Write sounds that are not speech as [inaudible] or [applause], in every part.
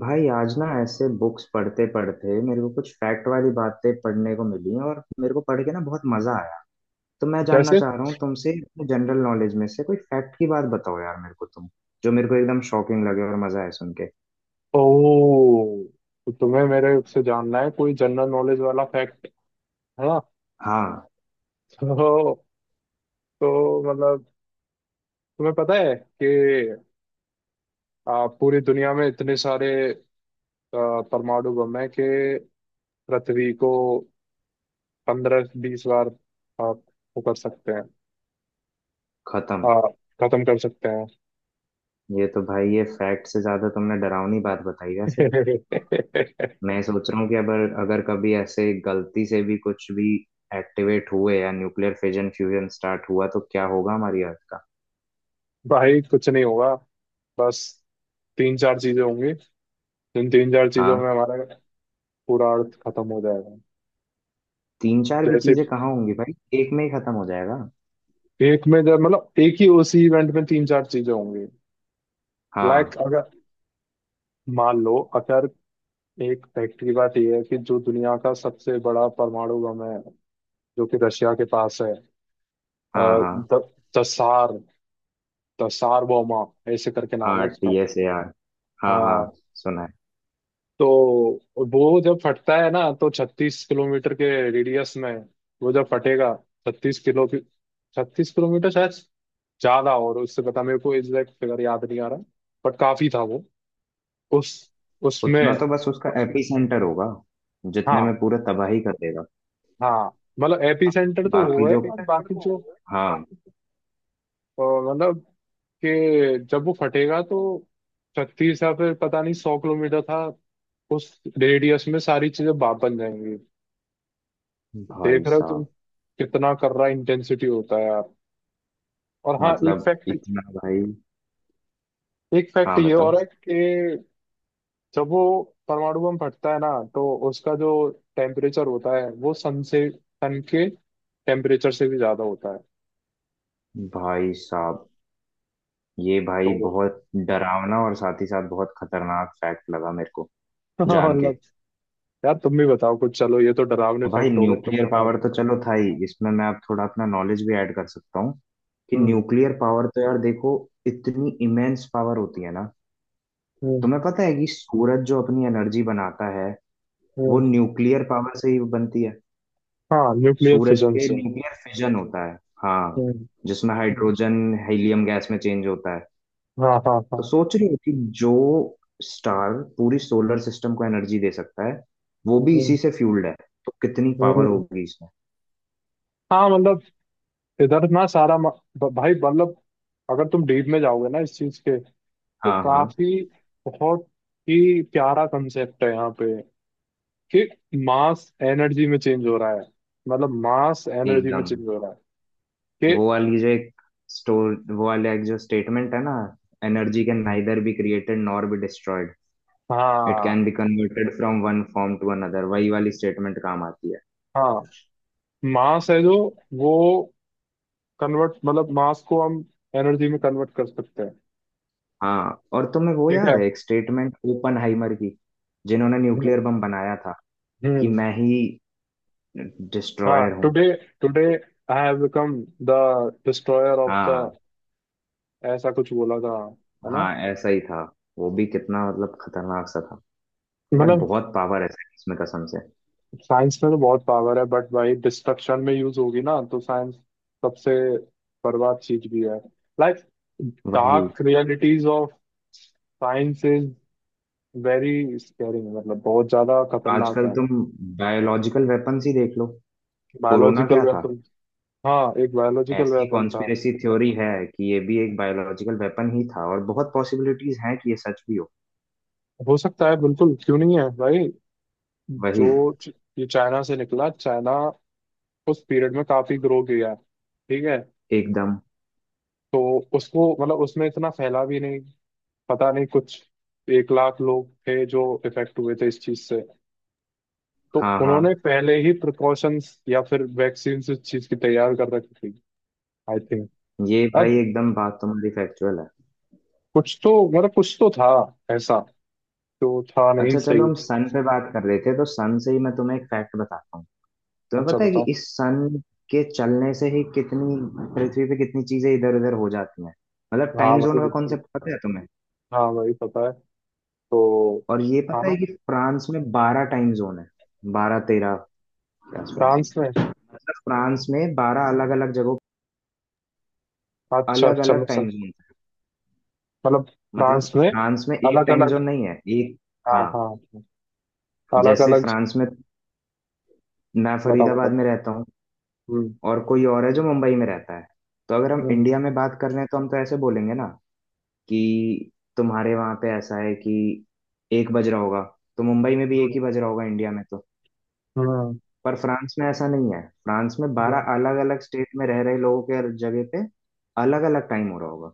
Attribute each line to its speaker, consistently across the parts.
Speaker 1: भाई आज ना ऐसे बुक्स पढ़ते पढ़ते मेरे को कुछ फैक्ट वाली बातें पढ़ने को मिली और मेरे को पढ़ के ना बहुत मजा आया। तो मैं जानना
Speaker 2: जैसे।
Speaker 1: चाह रहा हूँ तुमसे, अपने जनरल नॉलेज में से कोई फैक्ट की बात बताओ यार मेरे को तुम, जो मेरे को एकदम शॉकिंग लगे और मजा आए सुन के।
Speaker 2: ओ, तो तुम्हें मेरे से जानना है कोई जनरल नॉलेज वाला फैक्ट, है ना?
Speaker 1: हाँ।
Speaker 2: तो तो मतलब, तुम्हें पता है कि पूरी दुनिया में इतने सारे परमाणु बम हैं कि पृथ्वी को 15-20 बार वो कर सकते हैं,
Speaker 1: खत्म।
Speaker 2: आ, खत्म कर सकते हैं।
Speaker 1: ये तो भाई ये फैक्ट से ज्यादा तुमने डरावनी बात बताई वैसे।
Speaker 2: [laughs]
Speaker 1: मैं सोच रहा हूँ कि अगर अगर कभी ऐसे गलती से भी कुछ भी एक्टिवेट हुए या न्यूक्लियर फिजन फ्यूजन स्टार्ट हुआ तो क्या होगा हमारी अर्थ का।
Speaker 2: भाई कुछ नहीं होगा। बस तीन चार चीजें होंगी, जिन तीन चार चीजों में
Speaker 1: हाँ?
Speaker 2: हमारा पूरा अर्थ खत्म हो जाएगा।
Speaker 1: तीन चार भी
Speaker 2: जैसे,
Speaker 1: चीजें कहाँ होंगी भाई, एक में ही खत्म हो जाएगा।
Speaker 2: एक में जब, मतलब एक ही उसी इवेंट में तीन चार चीजें होंगी।
Speaker 1: हाँ
Speaker 2: लाइक अगर, मान लो, अगर एक फैक्ट की बात यह है कि जो दुनिया का सबसे बड़ा परमाणु बम है, जो कि रशिया के पास है। अ,
Speaker 1: हाँ हाँ।
Speaker 2: द, दसार, दसार बोमा, ऐसे करके नाम है
Speaker 1: हाँ टी
Speaker 2: उसका।
Speaker 1: एस ए आर, हाँ हाँ,
Speaker 2: हाँ।
Speaker 1: सुना है।
Speaker 2: तो वो जब फटता है ना, तो 36 किलोमीटर के रेडियस में, वो जब फटेगा, 36 किलो की, 36 किलोमीटर शायद ज्यादा, और उससे पता, मेरे को एग्जैक्ट फिगर याद नहीं आ रहा, बट काफी था वो। उस उसमें।
Speaker 1: उतना तो बस उसका एपी सेंटर होगा, जितने में
Speaker 2: हाँ,
Speaker 1: पूरा तबाही कर देगा।
Speaker 2: हाँ, मतलब एपी
Speaker 1: हाँ
Speaker 2: सेंटर तो
Speaker 1: बाकी
Speaker 2: हुआ है,
Speaker 1: जो,
Speaker 2: और बाकी जो,
Speaker 1: हाँ।
Speaker 2: मतलब कि जब वो फटेगा, तो 36 या फिर पता नहीं 100 किलोमीटर था, उस रेडियस में सारी चीजें बाप बन जाएंगी।
Speaker 1: भाई
Speaker 2: देख रहे हो तुम
Speaker 1: साहब,
Speaker 2: कितना कर रहा इंटेंसिटी होता है यार। और हाँ, एक
Speaker 1: मतलब
Speaker 2: फैक्ट,
Speaker 1: इतना भाई।
Speaker 2: एक फैक्ट
Speaker 1: हाँ
Speaker 2: ये और
Speaker 1: बताओ।
Speaker 2: है कि जब वो परमाणु बम फटता है ना, तो उसका जो टेम्परेचर होता है, वो सन से, सन के टेम्परेचर से भी ज्यादा होता है।
Speaker 1: भाई साहब, ये भाई
Speaker 2: तो
Speaker 1: बहुत डरावना और साथ ही साथ बहुत खतरनाक फैक्ट लगा मेरे को,
Speaker 2: [laughs]
Speaker 1: जान के।
Speaker 2: मतलब, यार तुम भी बताओ कुछ, चलो ये तो डरावने
Speaker 1: भाई
Speaker 2: फैक्ट हो गए, तुम
Speaker 1: न्यूक्लियर
Speaker 2: बताओ।
Speaker 1: पावर तो चलो था ही, इसमें मैं अब थोड़ा अपना नॉलेज भी ऐड कर सकता हूँ कि
Speaker 2: हम्म।
Speaker 1: न्यूक्लियर पावर तो यार देखो, इतनी इमेंस पावर होती है ना।
Speaker 2: हम्म।
Speaker 1: तुम्हें पता है कि सूरज जो अपनी एनर्जी बनाता है वो
Speaker 2: हम्म।
Speaker 1: न्यूक्लियर पावर से ही बनती है।
Speaker 2: हाँ, न्यूक्लियर
Speaker 1: सूरज
Speaker 2: फिशन
Speaker 1: पे
Speaker 2: से।
Speaker 1: न्यूक्लियर फिजन होता है, हाँ,
Speaker 2: हम्म।
Speaker 1: जिसमें
Speaker 2: हम्म।
Speaker 1: हाइड्रोजन हीलियम गैस में चेंज होता है।
Speaker 2: हाँ हाँ
Speaker 1: तो
Speaker 2: हाँ।
Speaker 1: सोच रही हो कि जो स्टार पूरी सोलर सिस्टम को एनर्जी दे सकता है वो भी
Speaker 2: हम्म।
Speaker 1: इसी से फ्यूल्ड है, तो कितनी पावर
Speaker 2: हम्म।
Speaker 1: होगी इसमें।
Speaker 2: हाँ मतलब इधर ना सारा भाई मतलब, अगर तुम डीप में जाओगे ना इस चीज के, तो
Speaker 1: हाँ हाँ
Speaker 2: काफी, बहुत ही प्यारा कंसेप्ट है यहाँ पे, कि मास एनर्जी में चेंज हो रहा है, मतलब मास एनर्जी में
Speaker 1: एकदम।
Speaker 2: चेंज हो रहा है कि।
Speaker 1: वो वाली जो एक स्टोर, वो वाला एक जो स्टेटमेंट है ना, energy can neither be created nor be destroyed, it can
Speaker 2: हाँ
Speaker 1: be converted from one form to another, वही वाली स्टेटमेंट काम आती है।
Speaker 2: हाँ। मास है जो, वो कन्वर्ट, मतलब मास को हम एनर्जी में कन्वर्ट कर सकते हैं।
Speaker 1: हाँ, और तुम्हें वो
Speaker 2: ठीक
Speaker 1: याद
Speaker 2: है।
Speaker 1: है एक स्टेटमेंट ओपनहाइमर की, जिन्होंने
Speaker 2: हम्म।
Speaker 1: न्यूक्लियर बम बनाया था, कि
Speaker 2: हम्म।
Speaker 1: मैं ही
Speaker 2: हाँ।
Speaker 1: डिस्ट्रॉयर हूँ।
Speaker 2: Today today, I have become the destroyer of the,
Speaker 1: हाँ
Speaker 2: ऐसा कुछ बोला था, है ना?
Speaker 1: हाँ, ऐसा ही था। वो भी कितना मतलब खतरनाक सा था। यार
Speaker 2: मतलब,
Speaker 1: बहुत पावर है साइंस में कसम से।
Speaker 2: साइंस में तो बहुत पावर है, बट भाई डिस्ट्रक्शन में यूज होगी ना, तो साइंस सबसे बर्बाद चीज भी है। लाइक,
Speaker 1: वही।
Speaker 2: Dark realities of science is very scaring, मतलब बहुत ज्यादा खतरनाक
Speaker 1: आजकल
Speaker 2: है।
Speaker 1: तुम बायोलॉजिकल वेपन्स ही देख लो, कोरोना
Speaker 2: बायोलॉजिकल
Speaker 1: क्या था।
Speaker 2: वेपन। हाँ, एक बायोलॉजिकल
Speaker 1: ऐसी
Speaker 2: वेपन था।
Speaker 1: कॉन्स्पिरेसी थ्योरी है कि ये भी एक बायोलॉजिकल वेपन ही था, और बहुत पॉसिबिलिटीज हैं कि ये सच भी हो।
Speaker 2: हो सकता है, बिल्कुल, क्यों नहीं है भाई।
Speaker 1: वही।
Speaker 2: जो च- ये चाइना से निकला, चाइना उस पीरियड में काफी ग्रो किया है, ठीक है।
Speaker 1: एकदम।
Speaker 2: तो उसको, मतलब उसमें इतना फैला भी नहीं, पता नहीं कुछ 1,00,000 लोग थे जो इफेक्ट हुए थे इस चीज से, तो
Speaker 1: हाँ हाँ।
Speaker 2: उन्होंने पहले ही प्रिकॉशंस या फिर वैक्सीन इस चीज की तैयार कर रखी थी, आई थिंक।
Speaker 1: ये
Speaker 2: अब
Speaker 1: भाई एकदम बात तुम्हारी फैक्चुअल है।
Speaker 2: कुछ तो, मतलब कुछ तो था ऐसा, जो था नहीं
Speaker 1: अच्छा चलो
Speaker 2: सही।
Speaker 1: हम सन पे बात कर रहे थे तो सन से ही मैं तुम्हें एक फैक्ट बताता हूँ। तुम्हें
Speaker 2: अच्छा
Speaker 1: पता है कि
Speaker 2: बताओ।
Speaker 1: इस सन के चलने से ही कितनी पृथ्वी पे कितनी चीजें इधर उधर हो जाती हैं। मतलब
Speaker 2: हाँ
Speaker 1: टाइम जोन
Speaker 2: भाई
Speaker 1: का
Speaker 2: बिल्कुल।
Speaker 1: कॉन्सेप्ट पता है तुम्हें?
Speaker 2: हाँ भाई पता है। तो,
Speaker 1: और ये पता है
Speaker 2: हाँ,
Speaker 1: कि फ्रांस में 12 टाइम जोन है, 12-13 के आसपास।
Speaker 2: फ्रांस में।
Speaker 1: मतलब फ्रांस में 12 अलग अलग जगहों
Speaker 2: अच्छा
Speaker 1: अलग
Speaker 2: अच्छा, मैं
Speaker 1: अलग टाइम
Speaker 2: समझ,
Speaker 1: जोन है,
Speaker 2: मतलब फ्रांस
Speaker 1: मतलब
Speaker 2: में
Speaker 1: फ्रांस में एक
Speaker 2: अलग
Speaker 1: टाइम
Speaker 2: अलग।
Speaker 1: जोन नहीं है एक।
Speaker 2: हाँ
Speaker 1: हाँ।
Speaker 2: हाँ, अलग
Speaker 1: जैसे
Speaker 2: अलग।
Speaker 1: फ्रांस में, मैं
Speaker 2: बताओ बताओ।
Speaker 1: फरीदाबाद में रहता हूँ
Speaker 2: हम्म।
Speaker 1: और कोई और है जो मुंबई में रहता है, तो अगर हम
Speaker 2: हम्म।
Speaker 1: इंडिया में बात कर रहे हैं तो हम तो ऐसे बोलेंगे ना कि तुम्हारे वहां पे ऐसा है कि एक बज रहा होगा तो मुंबई में भी एक
Speaker 2: हम्म।
Speaker 1: ही बज रहा होगा, इंडिया में तो।
Speaker 2: हम्म।
Speaker 1: पर फ्रांस में ऐसा नहीं है, फ्रांस में
Speaker 2: हम्म।
Speaker 1: 12 अलग अलग स्टेट में रह रहे लोगों के जगह पे अलग अलग टाइम हो रहा होगा।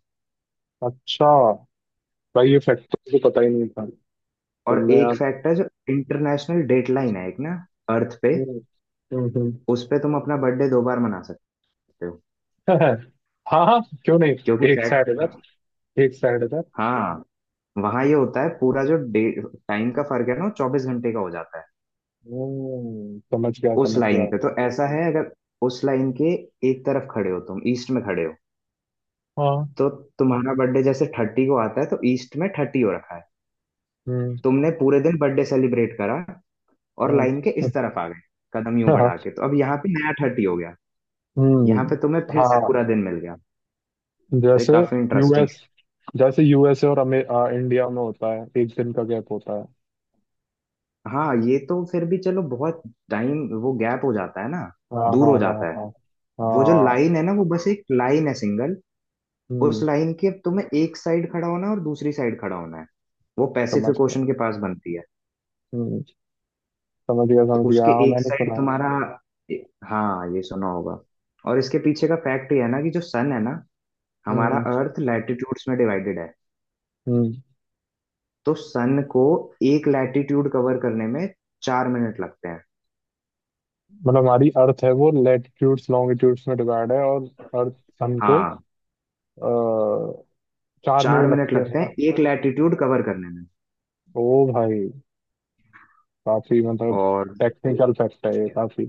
Speaker 2: अच्छा, भाई ये फैक्ट तो मुझे पता ही नहीं था।
Speaker 1: और
Speaker 2: तुमने यार।
Speaker 1: एक फैक्ट है, जो इंटरनेशनल डेट लाइन है एक ना, अर्थ पे,
Speaker 2: हम्म। हम्म। हम्म।
Speaker 1: उस पे तुम अपना बर्थडे दो बार मना सकते हो,
Speaker 2: [laughs] हाँ हाँ, क्यों
Speaker 1: क्योंकि
Speaker 2: नहीं। एक
Speaker 1: फ्लैट।
Speaker 2: साइड इधर, एक साइड इधर।
Speaker 1: हाँ। वहाँ ये होता है, पूरा जो डे टाइम का फर्क है ना 24 घंटे का हो जाता है।
Speaker 2: हम्म, समझ गया
Speaker 1: उस
Speaker 2: समझ
Speaker 1: लाइन
Speaker 2: गया।
Speaker 1: पे तो ऐसा है, अगर उस लाइन के एक तरफ खड़े हो तुम, ईस्ट में खड़े हो,
Speaker 2: हाँ।
Speaker 1: तो तुम्हारा बर्थडे जैसे 30 को आता है, तो ईस्ट में 30 हो रखा है,
Speaker 2: हम्म।
Speaker 1: तुमने पूरे दिन बर्थडे सेलिब्रेट करा, और
Speaker 2: हम्म।
Speaker 1: लाइन के इस तरफ आ गए, कदम यूं
Speaker 2: [laughs] हाँ।
Speaker 1: बढ़ा के, तो अब यहाँ पे नया 30 हो गया, यहाँ
Speaker 2: हम्म।
Speaker 1: पे तुम्हें फिर से पूरा
Speaker 2: हाँ।
Speaker 1: दिन मिल गया। तो ये
Speaker 2: जैसे
Speaker 1: काफी इंटरेस्टिंग।
Speaker 2: यूएस, जैसे यूएसए और इंडिया में होता है, एक दिन का गैप होता है।
Speaker 1: हाँ ये तो फिर भी चलो बहुत टाइम, वो गैप हो जाता है ना,
Speaker 2: हाँ
Speaker 1: दूर
Speaker 2: हाँ
Speaker 1: हो
Speaker 2: हाँ हाँ
Speaker 1: जाता है।
Speaker 2: हाँ।
Speaker 1: वो जो
Speaker 2: हाँ।
Speaker 1: लाइन है ना वो बस एक लाइन है, सिंगल, उस
Speaker 2: हम्म,
Speaker 1: लाइन के तुम्हें एक साइड खड़ा होना है और दूसरी साइड खड़ा होना है। वो
Speaker 2: समझ
Speaker 1: पैसिफिक
Speaker 2: गया।
Speaker 1: ओशन के पास बनती है।
Speaker 2: हम्म, समझ गया,
Speaker 1: तो
Speaker 2: समझ गया,
Speaker 1: उसके
Speaker 2: हाँ
Speaker 1: एक
Speaker 2: मैंने सुना
Speaker 1: साइड
Speaker 2: है।
Speaker 1: तुम्हारा, हाँ ये सुना होगा। और इसके पीछे का फैक्ट ये है ना कि जो सन है ना, हमारा
Speaker 2: हम्म।
Speaker 1: अर्थ लैटिट्यूड्स में डिवाइडेड है,
Speaker 2: हम्म।
Speaker 1: तो सन को एक लैटिट्यूड कवर करने में 4 मिनट लगते हैं।
Speaker 2: मतलब हमारी अर्थ है, वो लैटिट्यूड्स लॉन्गिट्यूड्स में डिवाइड है और अर्थ, सन को,
Speaker 1: हाँ,
Speaker 2: आ, 4
Speaker 1: चार
Speaker 2: मिनट
Speaker 1: मिनट
Speaker 2: लगते
Speaker 1: लगते
Speaker 2: हैं।
Speaker 1: हैं एक लैटिट्यूड कवर करने में।
Speaker 2: ओ भाई, काफी मतलब
Speaker 1: और
Speaker 2: टेक्निकल फैक्ट है ये काफी।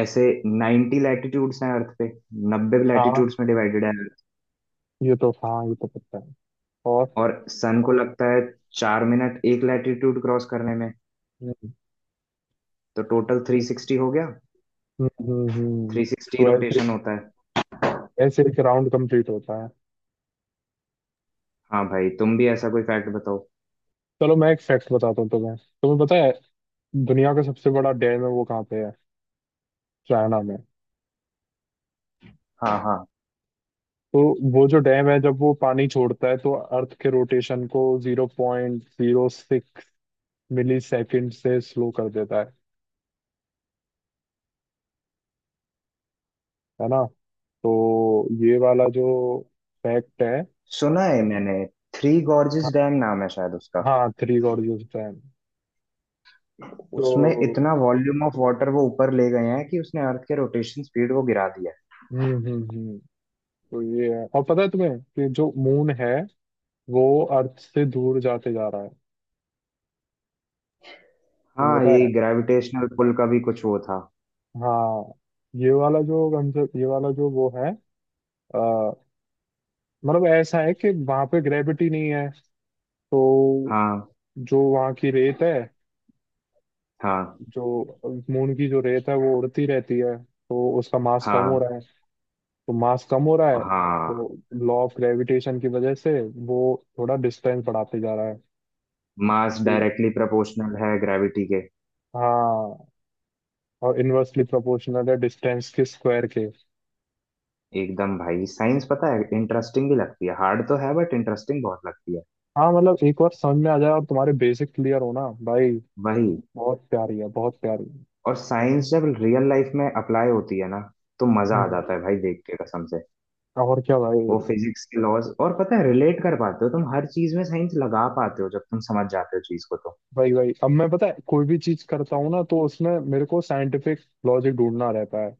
Speaker 1: ऐसे 90 लैटिट्यूड्स हैं अर्थ पे, नब्बे
Speaker 2: हाँ
Speaker 1: लैटिट्यूड्स में डिवाइडेड है अर्थ,
Speaker 2: ये तो, हाँ ये तो पता है। और,
Speaker 1: और सन को लगता है 4 मिनट एक लैटिट्यूड क्रॉस करने में,
Speaker 2: हम्म।
Speaker 1: तो टोटल 360 हो गया,
Speaker 2: हम्म। हम्म।
Speaker 1: 360
Speaker 2: तो ऐसे,
Speaker 1: रोटेशन होता है।
Speaker 2: ऐसे एक राउंड कंप्लीट होता है।
Speaker 1: हाँ भाई तुम भी ऐसा कोई फैक्ट बताओ।
Speaker 2: चलो मैं एक फैक्ट बताता हूँ तुम्हें। तुम्हें पता है दुनिया का सबसे बड़ा डैम है वो कहाँ पे है? चाइना में।
Speaker 1: हाँ हाँ,
Speaker 2: तो वो जो डैम है, जब वो पानी छोड़ता है, तो अर्थ के रोटेशन को 0.06 मिली सेकेंड से स्लो कर देता है ना? तो ये वाला जो फैक्ट है।
Speaker 1: सुना है मैंने, थ्री
Speaker 2: हाँ,
Speaker 1: गॉर्जेस डैम नाम है शायद उसका।
Speaker 2: हाँ, थ्री गॉर्जियस डैम।
Speaker 1: उसमें
Speaker 2: तो
Speaker 1: इतना वॉल्यूम ऑफ वाटर वो ऊपर ले गए हैं कि उसने अर्थ के रोटेशन स्पीड को गिरा दिया है।
Speaker 2: हम्म। हम्म। हम्म। तो ये है। और पता है तुम्हें कि जो मून है, वो अर्थ से दूर जाते जा रहा है? तुम्हें
Speaker 1: हाँ
Speaker 2: पता
Speaker 1: ये
Speaker 2: है?
Speaker 1: ग्रेविटेशनल पुल का भी कुछ वो था।
Speaker 2: हाँ, ये वाला जो कंसेप्ट, ये वाला जो वो है, अ, मतलब ऐसा है कि वहां पे ग्रेविटी नहीं है, तो
Speaker 1: हाँ
Speaker 2: जो वहां की रेत है,
Speaker 1: हाँ
Speaker 2: जो मून की जो रेत है, वो उड़ती रहती है, तो उसका मास कम हो
Speaker 1: हाँ
Speaker 2: रहा है। तो मास कम हो रहा है,
Speaker 1: हाँ।
Speaker 2: तो लॉ ऑफ ग्रेविटेशन की वजह से वो थोड़ा डिस्टेंस बढ़ाते जा रहा है।
Speaker 1: मास
Speaker 2: तो,
Speaker 1: डायरेक्टली प्रोपोर्शनल है ग्रेविटी के।
Speaker 2: हाँ, और इनवर्सली प्रोपोर्शनल है डिस्टेंस के स्क्वायर के।
Speaker 1: एकदम भाई, साइंस पता है इंटरेस्टिंग भी लगती है, हार्ड तो है बट इंटरेस्टिंग बहुत लगती है।
Speaker 2: हाँ, मतलब एक बार समझ में आ जाए और तुम्हारे बेसिक क्लियर हो ना भाई,
Speaker 1: वही।
Speaker 2: बहुत प्यारी है, बहुत प्यारी है।
Speaker 1: और साइंस जब रियल लाइफ में अप्लाई होती है ना तो मजा आ
Speaker 2: हम्म।
Speaker 1: जाता है भाई, देख के कसम से।
Speaker 2: और क्या
Speaker 1: वो
Speaker 2: भाई।
Speaker 1: फिजिक्स के लॉज, और पता है रिलेट कर पाते हो तुम हर चीज में, साइंस लगा पाते हो जब तुम समझ जाते हो चीज को तो।
Speaker 2: भाई भाई, अब मैं पता है कोई भी चीज करता हूँ ना, तो उसमें मेरे को साइंटिफिक लॉजिक ढूंढना रहता है।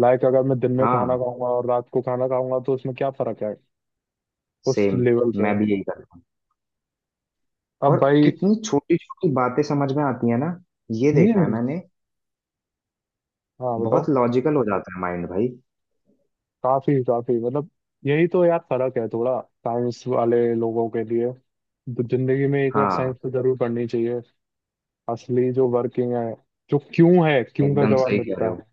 Speaker 2: लाइक, अगर मैं दिन में
Speaker 1: हाँ
Speaker 2: खाना खाऊंगा और रात को खाना खाऊंगा, तो उसमें क्या फर्क है, उस
Speaker 1: सेम,
Speaker 2: लेवल पे।
Speaker 1: मैं भी यही करता हूँ।
Speaker 2: अब
Speaker 1: और
Speaker 2: भाई।
Speaker 1: कितनी छोटी छोटी बातें समझ में आती है ना, ये देखा है
Speaker 2: हम्म।
Speaker 1: मैंने।
Speaker 2: हाँ बताओ।
Speaker 1: बहुत लॉजिकल हो जाता है माइंड भाई।
Speaker 2: काफी काफी मतलब, यही तो यार फर्क है थोड़ा। साइंस वाले लोगों के लिए तो, जिंदगी में एक बार
Speaker 1: हाँ
Speaker 2: साइंस तो जरूर पढ़नी चाहिए। असली जो वर्किंग है, जो क्यों है, क्यों का
Speaker 1: एकदम
Speaker 2: जवाब
Speaker 1: सही कह
Speaker 2: मिलता
Speaker 1: रहे हो।
Speaker 2: है।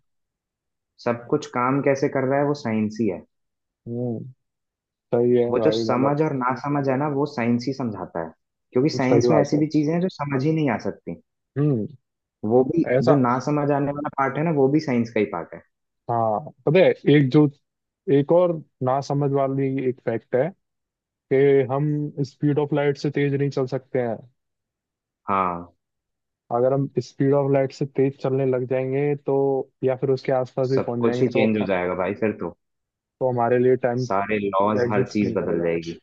Speaker 1: सब कुछ काम कैसे कर रहा है वो साइंस ही है।
Speaker 2: हम्म। सही है
Speaker 1: वो जो
Speaker 2: भाई, मतलब।
Speaker 1: समझ और ना समझ है ना वो साइंस ही समझाता है, क्योंकि
Speaker 2: सही
Speaker 1: साइंस में
Speaker 2: बात
Speaker 1: ऐसी
Speaker 2: है।
Speaker 1: भी चीजें हैं जो समझ ही नहीं आ सकती,
Speaker 2: हम्म।
Speaker 1: वो भी, जो
Speaker 2: ऐसा।
Speaker 1: ना समझ आने वाला पार्ट है ना वो भी साइंस का ही पार्ट है।
Speaker 2: हाँ। पता है, एक जो, एक और ना समझ वाली एक फैक्ट है कि हम स्पीड ऑफ लाइट से तेज नहीं चल सकते हैं।
Speaker 1: हाँ
Speaker 2: अगर हम स्पीड ऑफ लाइट से तेज चलने लग जाएंगे, तो या फिर उसके आसपास भी
Speaker 1: सब
Speaker 2: पहुंच
Speaker 1: कुछ
Speaker 2: जाएंगे,
Speaker 1: ही
Speaker 2: तो
Speaker 1: चेंज हो
Speaker 2: तो
Speaker 1: जाएगा भाई फिर तो,
Speaker 2: हमारे लिए टाइम
Speaker 1: सारे लॉज हर
Speaker 2: एग्जिस्ट
Speaker 1: चीज
Speaker 2: नहीं
Speaker 1: बदल
Speaker 2: करेगा।
Speaker 1: जाएगी।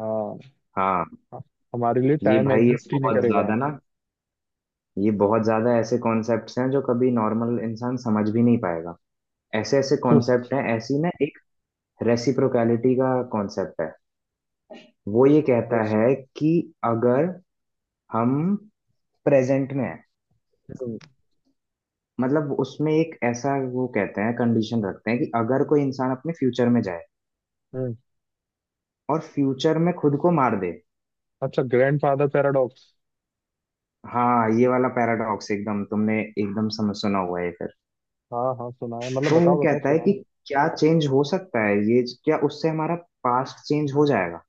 Speaker 2: हाँ,
Speaker 1: हाँ
Speaker 2: हमारे लिए
Speaker 1: ये
Speaker 2: टाइम
Speaker 1: भाई, ये
Speaker 2: एग्जिस्ट ही नहीं
Speaker 1: बहुत
Speaker 2: करेगा।
Speaker 1: ज्यादा ना, ये बहुत ज्यादा ऐसे कॉन्सेप्ट्स हैं जो कभी नॉर्मल इंसान समझ भी नहीं पाएगा। ऐसे ऐसे
Speaker 2: बस।
Speaker 1: कॉन्सेप्ट हैं, ऐसी ना एक रेसिप्रोकैलिटी का कॉन्सेप्ट है, वो ये कहता
Speaker 2: बस।
Speaker 1: है कि, अगर हम प्रेजेंट में हैं,
Speaker 2: हम्म।
Speaker 1: मतलब उसमें एक ऐसा वो कहते हैं कंडीशन रखते हैं कि अगर कोई इंसान अपने फ्यूचर में जाए
Speaker 2: हम्म।
Speaker 1: और फ्यूचर में खुद को मार दे।
Speaker 2: अच्छा, ग्रैंडफादर पैराडॉक्स।
Speaker 1: हाँ ये वाला पैराडॉक्स एकदम, तुमने एकदम समझ, सुना हुआ है फिर।
Speaker 2: हाँ हाँ सुना है, मतलब
Speaker 1: तो वो
Speaker 2: बताओ बताओ
Speaker 1: कहता है
Speaker 2: करके।
Speaker 1: कि
Speaker 2: [laughs]
Speaker 1: क्या चेंज हो सकता है, ये क्या उससे हमारा पास्ट चेंज हो जाएगा?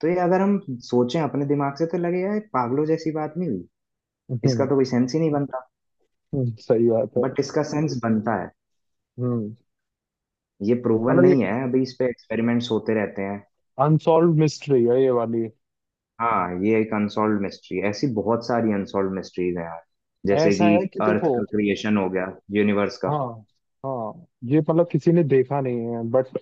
Speaker 1: तो ये अगर हम सोचें अपने दिमाग से तो लगेगा ये पागलों जैसी बात नहीं हुई, इसका
Speaker 2: हम्म।
Speaker 1: तो कोई सेंस ही नहीं बनता,
Speaker 2: सही बात है।
Speaker 1: बट इसका सेंस बनता है।
Speaker 2: हम्म।
Speaker 1: ये प्रूवन
Speaker 2: मतलब ये
Speaker 1: नहीं है, अभी इस पे एक्सपेरिमेंट्स होते रहते हैं।
Speaker 2: अनसॉल्व मिस्ट्री है ये वाली।
Speaker 1: हाँ ये एक अनसॉल्व मिस्ट्री है, ऐसी बहुत सारी अनसॉल्व मिस्ट्रीज हैं यार, जैसे
Speaker 2: ऐसा
Speaker 1: कि
Speaker 2: है कि
Speaker 1: अर्थ
Speaker 2: देखो,
Speaker 1: का क्रिएशन हो गया, यूनिवर्स का।
Speaker 2: हाँ हाँ, ये मतलब किसी ने देखा नहीं है, बट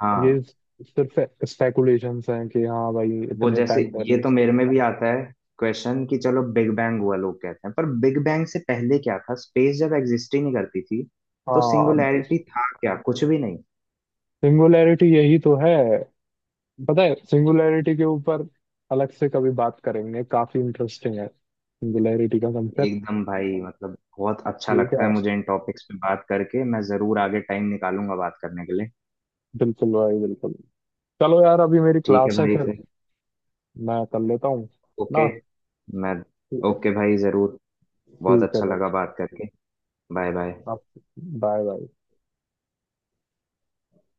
Speaker 1: हाँ।
Speaker 2: ये सिर्फ स्पेकुलेशंस हैं कि हाँ भाई
Speaker 1: वो
Speaker 2: इतने
Speaker 1: जैसे,
Speaker 2: टाइम
Speaker 1: ये
Speaker 2: पहले।
Speaker 1: तो मेरे में भी आता है क्वेश्चन कि चलो बिग बैंग हुआ लोग कहते हैं, पर बिग बैंग से पहले क्या था, स्पेस जब एग्जिस्ट ही नहीं करती थी, तो
Speaker 2: हाँ,
Speaker 1: सिंगुलैरिटी था क्या, कुछ भी नहीं।
Speaker 2: सिंगुलैरिटी यही तो है। पता है, सिंगुलैरिटी के ऊपर अलग से कभी बात करेंगे, काफी इंटरेस्टिंग है सिंगुलैरिटी का कंसेप्ट।
Speaker 1: एकदम भाई, मतलब बहुत अच्छा
Speaker 2: ठीक
Speaker 1: लगता है
Speaker 2: है,
Speaker 1: मुझे इन टॉपिक्स पे बात करके, मैं जरूर आगे टाइम निकालूंगा बात करने के लिए।
Speaker 2: बिल्कुल भाई, बिल्कुल। चलो यार, अभी मेरी
Speaker 1: ठीक है
Speaker 2: क्लास है,
Speaker 1: भाई
Speaker 2: फिर
Speaker 1: फिर।
Speaker 2: मैं कर लेता हूँ
Speaker 1: ओके।
Speaker 2: ना।
Speaker 1: मैं।
Speaker 2: ठीक।
Speaker 1: ओके भाई जरूर। बहुत
Speaker 2: ठीक है
Speaker 1: अच्छा
Speaker 2: भाई।
Speaker 1: लगा बात करके। Bye bye.
Speaker 2: आप, बाय बाय।